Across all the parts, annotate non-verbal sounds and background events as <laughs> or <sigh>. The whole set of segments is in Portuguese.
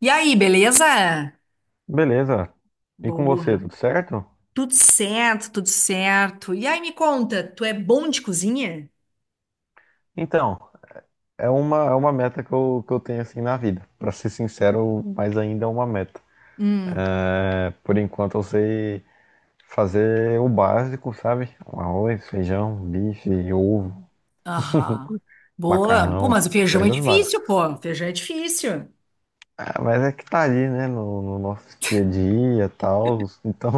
E aí, beleza? Beleza. E com você, Boa. tudo certo? Tudo certo, tudo certo. E aí, me conta, tu é bom de cozinha? Então, é uma meta que eu tenho assim na vida. Pra ser sincero, mas ainda é uma meta. Hum, É, por enquanto eu sei fazer o básico, sabe? Um arroz, feijão, bife, ovo, aham. Boa. Pô, macarrão, mas o feijão é coisas difícil, básicas. pô. Feijão é difícil. Ah, mas é que tá ali, né? No nosso dia a dia e tal. Então,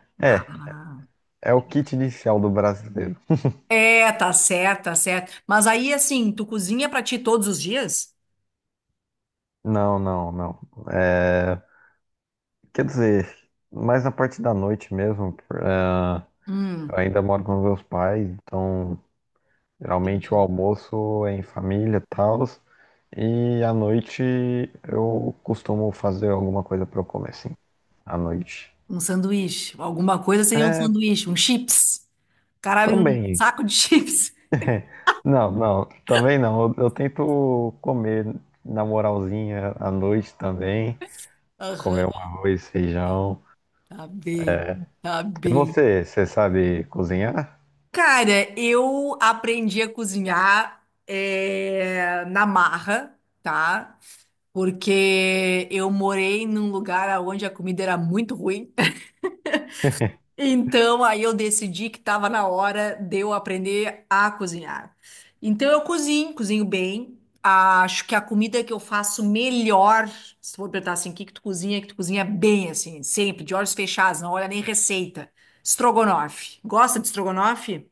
<laughs> é, Ah. é o kit inicial do brasileiro. É, tá certo, tá certo. Mas aí, assim, tu cozinha pra ti todos os dias? Não, não, não. É, quer dizer, mais na parte da noite mesmo. Hum, Eu ainda moro com meus pais, então geralmente o entendi. almoço é em família e tal. E à noite eu costumo fazer alguma coisa para eu comer, assim, à noite. Um sanduíche. Alguma coisa seria um É, sanduíche, um chips. Caralho, um também. saco de chips. <laughs> Não, não, também não. Eu tento comer na moralzinha à noite também. Comer Aham. um arroz, feijão. Tá bem, tá E bem. você, você sabe cozinhar? Cara, eu aprendi a cozinhar na marra, tá? Porque eu morei num lugar onde a comida era muito ruim. <laughs> Então, aí eu decidi que estava na hora de eu aprender a cozinhar. Então, eu cozinho, cozinho bem. Acho que a comida que eu faço melhor, se tu for perguntar assim, o que que tu cozinha bem, assim, sempre, de olhos fechados, não olha nem receita. Estrogonofe. Gosta de estrogonofe?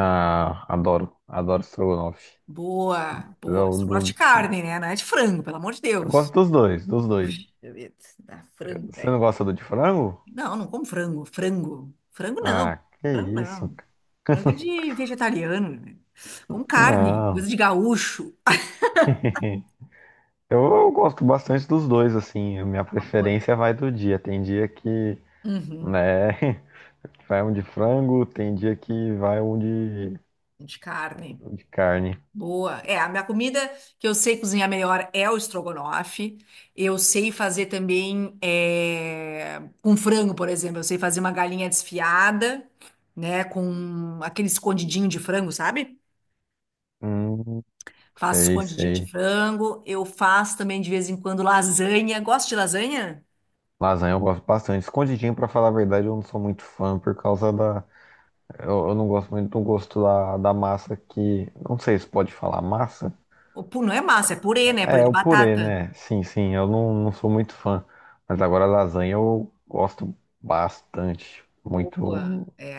Ah, adoro, adoro estrogonofe. Boa, boa. Eu, Estrogonofe de carne, né? Não é de frango, pelo amor de eu Deus. gosto dos dois, dos dois. Deixa eu ver. Ah, frango, Você velho. não gosta do de frango? Não, não como frango. Frango. Frango não. Ah, que Frango isso? não. Cara. Frango é de vegetariano, né? Como carne, coisa Não. de gaúcho. <laughs> Eu gosto bastante dos dois, assim. A minha Ah, boa. preferência vai do dia. Tem dia que, Uhum, né, <laughs> vai um de frango, tem dia que vai de carne. um de carne. Boa. É, a minha comida que eu sei cozinhar melhor é o estrogonofe. Eu sei fazer também é, com frango, por exemplo. Eu sei fazer uma galinha desfiada, né? Com aquele escondidinho de frango, sabe? Hum, Faço sei, escondidinho de sei. frango. Eu faço também de vez em quando lasanha. Gosto de lasanha? Lasanha eu gosto bastante. Escondidinho, pra falar a verdade, eu não sou muito fã por causa da. Eu não gosto muito do gosto da, da massa que. Não sei se pode falar massa. Não é massa, é purê, né? Purê É, de o purê, batata. né? Sim, sim, eu não, não sou muito fã. Mas agora a lasanha eu gosto bastante. Boa. Muito. É,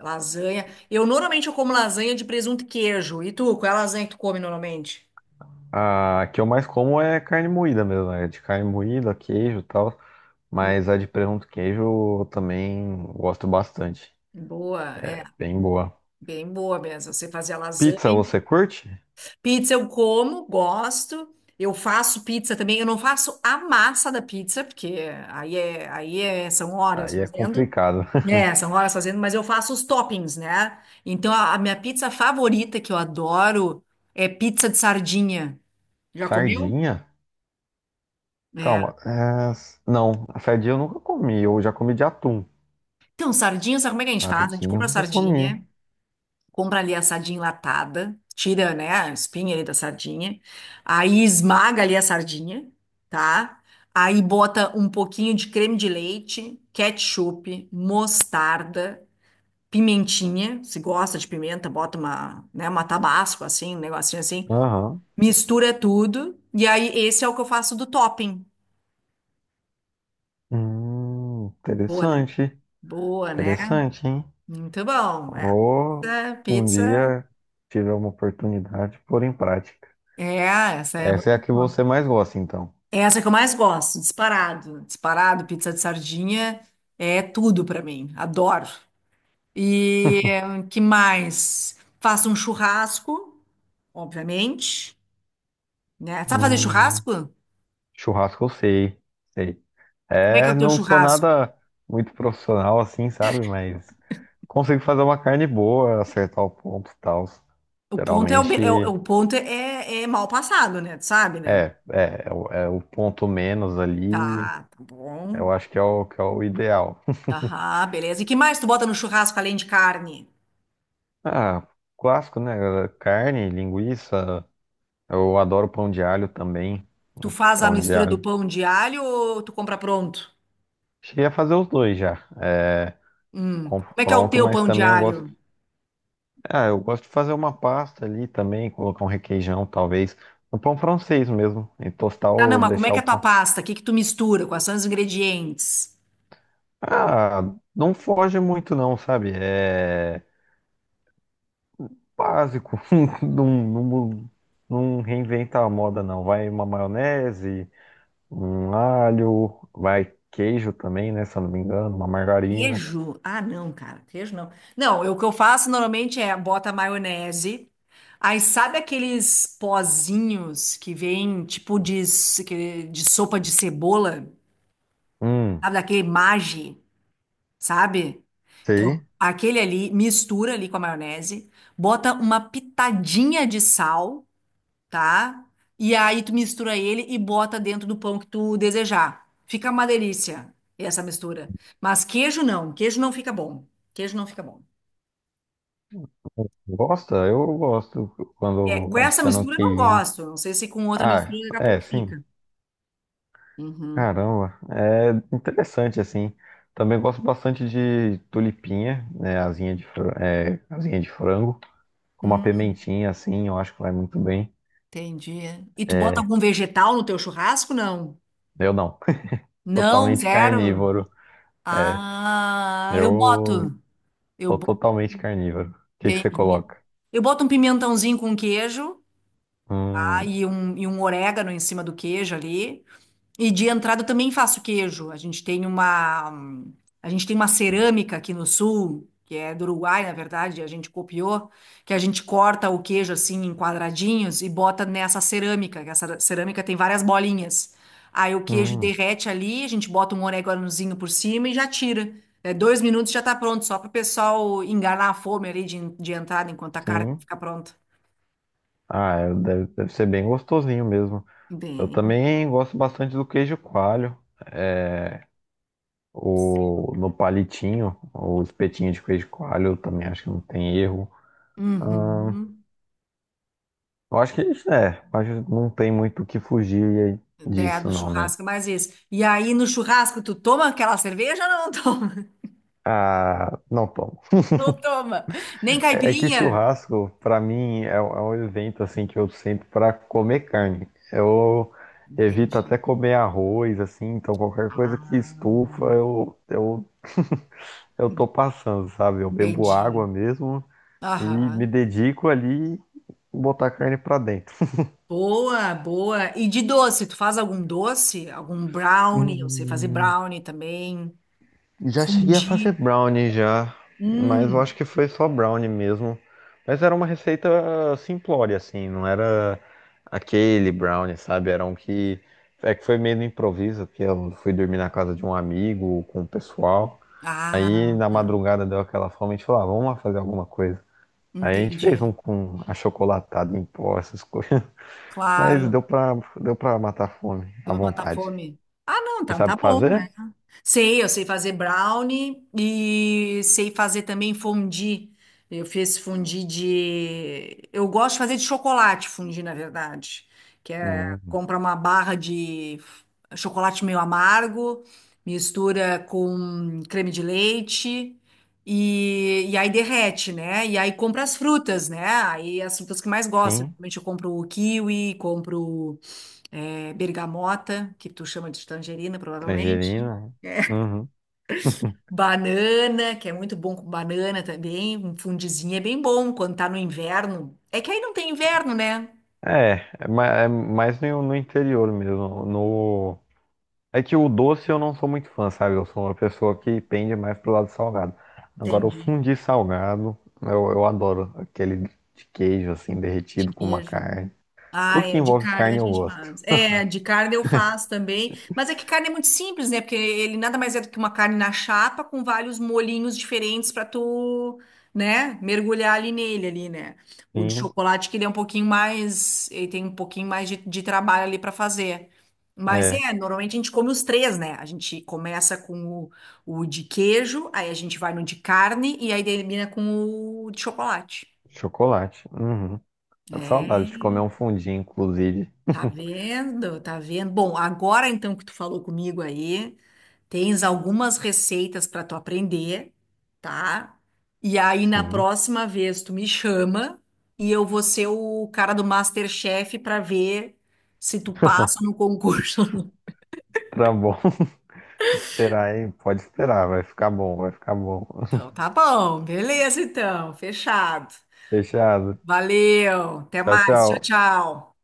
lasanha. Eu normalmente eu como lasanha de presunto e queijo. E tu, qual é a lasanha que tu come normalmente? A que eu mais como é carne moída mesmo, é de carne moída, queijo e tal. Mas a de presunto e queijo eu também gosto bastante. Boa, é, É bem boa. bem boa mesmo. Você fazia lasanha. Pizza você curte? Pizza eu como, gosto. Eu faço pizza também. Eu não faço a massa da pizza, porque aí é, são horas Aí é fazendo. complicado. É, <laughs> são horas fazendo, mas eu faço os toppings, né? Então a minha pizza favorita que eu adoro é pizza de sardinha. Já comeu? Sardinha? É. Calma. É, não, sardinha eu nunca comi. Eu já comi de atum. Então, sardinha, sabe como é que a gente faz? A gente Sardinha eu compra nunca comi. sardinha. Compra ali a sardinha enlatada, tira, né, a espinha ali da sardinha, aí esmaga ali a sardinha, tá? Aí bota um pouquinho de creme de leite, ketchup, mostarda, pimentinha, se gosta de pimenta, bota uma, né, uma tabasco assim, um negocinho assim, Aham. mistura tudo, e aí esse é o que eu faço do topping. Boa, né? Interessante, Boa, né? interessante, hein? Muito bom, é. Ou Pizza, um pizza, dia tiver uma oportunidade, pôr em prática. é, essa é Essa é a muito que boa. você mais gosta, então. É essa que eu mais gosto, disparado. Disparado, pizza de sardinha é tudo pra mim, adoro. E que mais? Faço um churrasco, obviamente, né? Sabe fazer Hum, churrasco? churrasco eu sei, sei. Como é que é É, o teu não sou churrasco? nada muito profissional assim, sabe? Mas consigo fazer uma carne boa, acertar o ponto e tal. O ponto é o, Geralmente be- é o- é o ponto é, é mal passado, né? Tu sabe, né? é o é, o ponto menos ali, Tá, tá bom. eu acho que é o ideal. Aham, beleza. E que mais tu bota no churrasco além de carne? Ah, clássico, né? Carne, linguiça. Eu adoro pão de alho também. Tu Um faz a pão de mistura do alho. pão de alho ou tu compra pronto? Cheguei a fazer os dois já. É, Hum. Como é que é o confronto, teu mas pão de também eu gosto. alho? Ah, eu gosto de fazer uma pasta ali também, colocar um requeijão, talvez. Um pão francês mesmo. E tostar Ah, não, ou mas como é deixar que é o a tua pão. pasta? O que que tu mistura? Quais são os ingredientes? Ah, não foge muito não, sabe? É básico. <laughs> Não, não, não reinventa a moda não. Vai uma maionese. Um alho, vai queijo também, né? Se eu não me engano, uma margarina. Queijo? Ah, não, cara, queijo não. Não, o que eu faço normalmente é bota maionese. Aí sabe aqueles pozinhos que vem tipo de sopa de cebola? Hum, Sabe daquele Maggi, sabe? Então, sei. aquele ali mistura ali com a maionese, bota uma pitadinha de sal, tá? E aí tu mistura ele e bota dentro do pão que tu desejar. Fica uma delícia essa mistura. Mas queijo não fica bom. Queijo não fica bom. Gosta? Eu gosto É, quando com essa adiciona um mistura eu não queijinho. gosto. Não sei se com outra Ah, mistura daqui a pouco é, sim. fica. Uhum. Caramba, é interessante assim. Também gosto bastante de tulipinha, né? Asinha de, é, asinha de frango, com uma Hum, pimentinha assim, eu acho que vai muito bem. entendi. E tu bota É, algum vegetal no teu churrasco? Não. eu não. <laughs> Não, Totalmente zero. carnívoro. É, Ah, eu eu boto. Eu sou boto, totalmente carnívoro. O que que você entendi. coloca? Eu boto um pimentãozinho com queijo, tá? Hum, E um orégano em cima do queijo ali. E de entrada também faço queijo. A gente tem uma cerâmica aqui no sul, que é do Uruguai, na verdade, a gente copiou, que a gente corta o queijo assim em quadradinhos e bota nessa cerâmica, que essa cerâmica tem várias bolinhas. Aí o queijo hum. derrete ali, a gente bota um oréganozinho por cima e já tira. É, 2 minutos já tá pronto, só para o pessoal enganar a fome ali de entrada enquanto a carne Sim. fica pronta. Ah, é- deve, deve ser bem gostosinho mesmo. Eu Bem, também gosto bastante do queijo coalho. É, sim. o, no palitinho, o espetinho de queijo coalho, eu também acho que não tem erro. Ahn, Uhum. eu acho que isso é, eu acho que não tem muito o que fugir É, disso, do não, né? churrasco, mais isso. E aí, no churrasco, tu toma aquela cerveja ou não toma? <laughs> Ah, não, Não toma. Nem é que caipirinha? churrasco, pra mim, é um evento assim que eu sinto pra comer carne. Eu evito Entendi. até comer arroz, assim, então qualquer coisa que Ah, estufa, <laughs> eu tô passando, sabe? Eu bebo entendi. água mesmo e me Aham. dedico ali em botar carne pra dentro. Boa, boa. E de doce, tu faz algum doce? Algum brownie? Eu sei fazer Hum. brownie também. Já cheguei a fazer Fondue. brownie já, mas eu acho Hum. que foi só brownie mesmo. Mas era uma receita simplória, assim, não era aquele brownie, sabe? Era um que. É que foi meio no improviso, porque eu fui dormir na casa de um amigo com o pessoal. Aí Ah, na madrugada deu aquela fome, a gente falou, ah, vamos lá fazer alguma coisa. Aí a gente entendi. fez um com achocolatado em pó, essas coisas. <laughs> Mas Claro. Deu pra matar a fome à Deu pra botar vontade. fome. Ah, não, Você então tá sabe bom, né? fazer? Sei, eu sei fazer brownie e sei fazer também fondue. Eu fiz fondue de. Eu gosto de fazer de chocolate fondue, na verdade. Que é Hum, compra uma barra de chocolate meio amargo, mistura com creme de leite e aí derrete, né? E aí compra as frutas, né? Aí as frutas que mais gosto. sim, Normalmente eu compro o kiwi, compro bergamota, que tu chama de tangerina, provavelmente. tangerina. É. Uhum. Banana, que é muito bom com banana também, um fundizinho é bem bom quando tá no inverno. É que aí não tem inverno, né? É, é mais no, no interior mesmo. No... É que o doce eu não sou muito fã, sabe? Eu sou uma pessoa que pende mais pro lado salgado. Agora, o Entendi. fundi salgado, eu adoro. Aquele de queijo, assim, De derretido com uma queijo. carne. Ah, Tudo que é, de envolve carne a carne eu gente gosto. faz. É, de carne eu faço também. Mas é que carne é muito simples, né? Porque ele nada mais é do que uma carne na chapa com vários molhinhos diferentes para tu, né, mergulhar ali nele ali, né? O de Sim, chocolate que ele é um pouquinho mais, ele tem um pouquinho mais de trabalho ali para fazer. Mas é. é, normalmente a gente come os três, né? A gente começa com o de queijo, aí a gente vai no de carne e aí termina com o de chocolate. Chocolate. Uhum. É É, saudade de comer um fundi, inclusive. tá vendo? Tá vendo? Bom, agora então que tu falou comigo aí, tens algumas receitas para tu aprender, tá? E aí na Sim, próxima vez tu me chama e eu vou ser o cara do MasterChef para ver se tu passa no concurso. Ou não. tá bom. <laughs> Esperar aí, pode esperar, vai ficar bom, vai ficar bom. Então, <laughs> tá bom, beleza então, fechado. Fechado. Valeu, até Tchau, mais, tchau. tchau, tchau.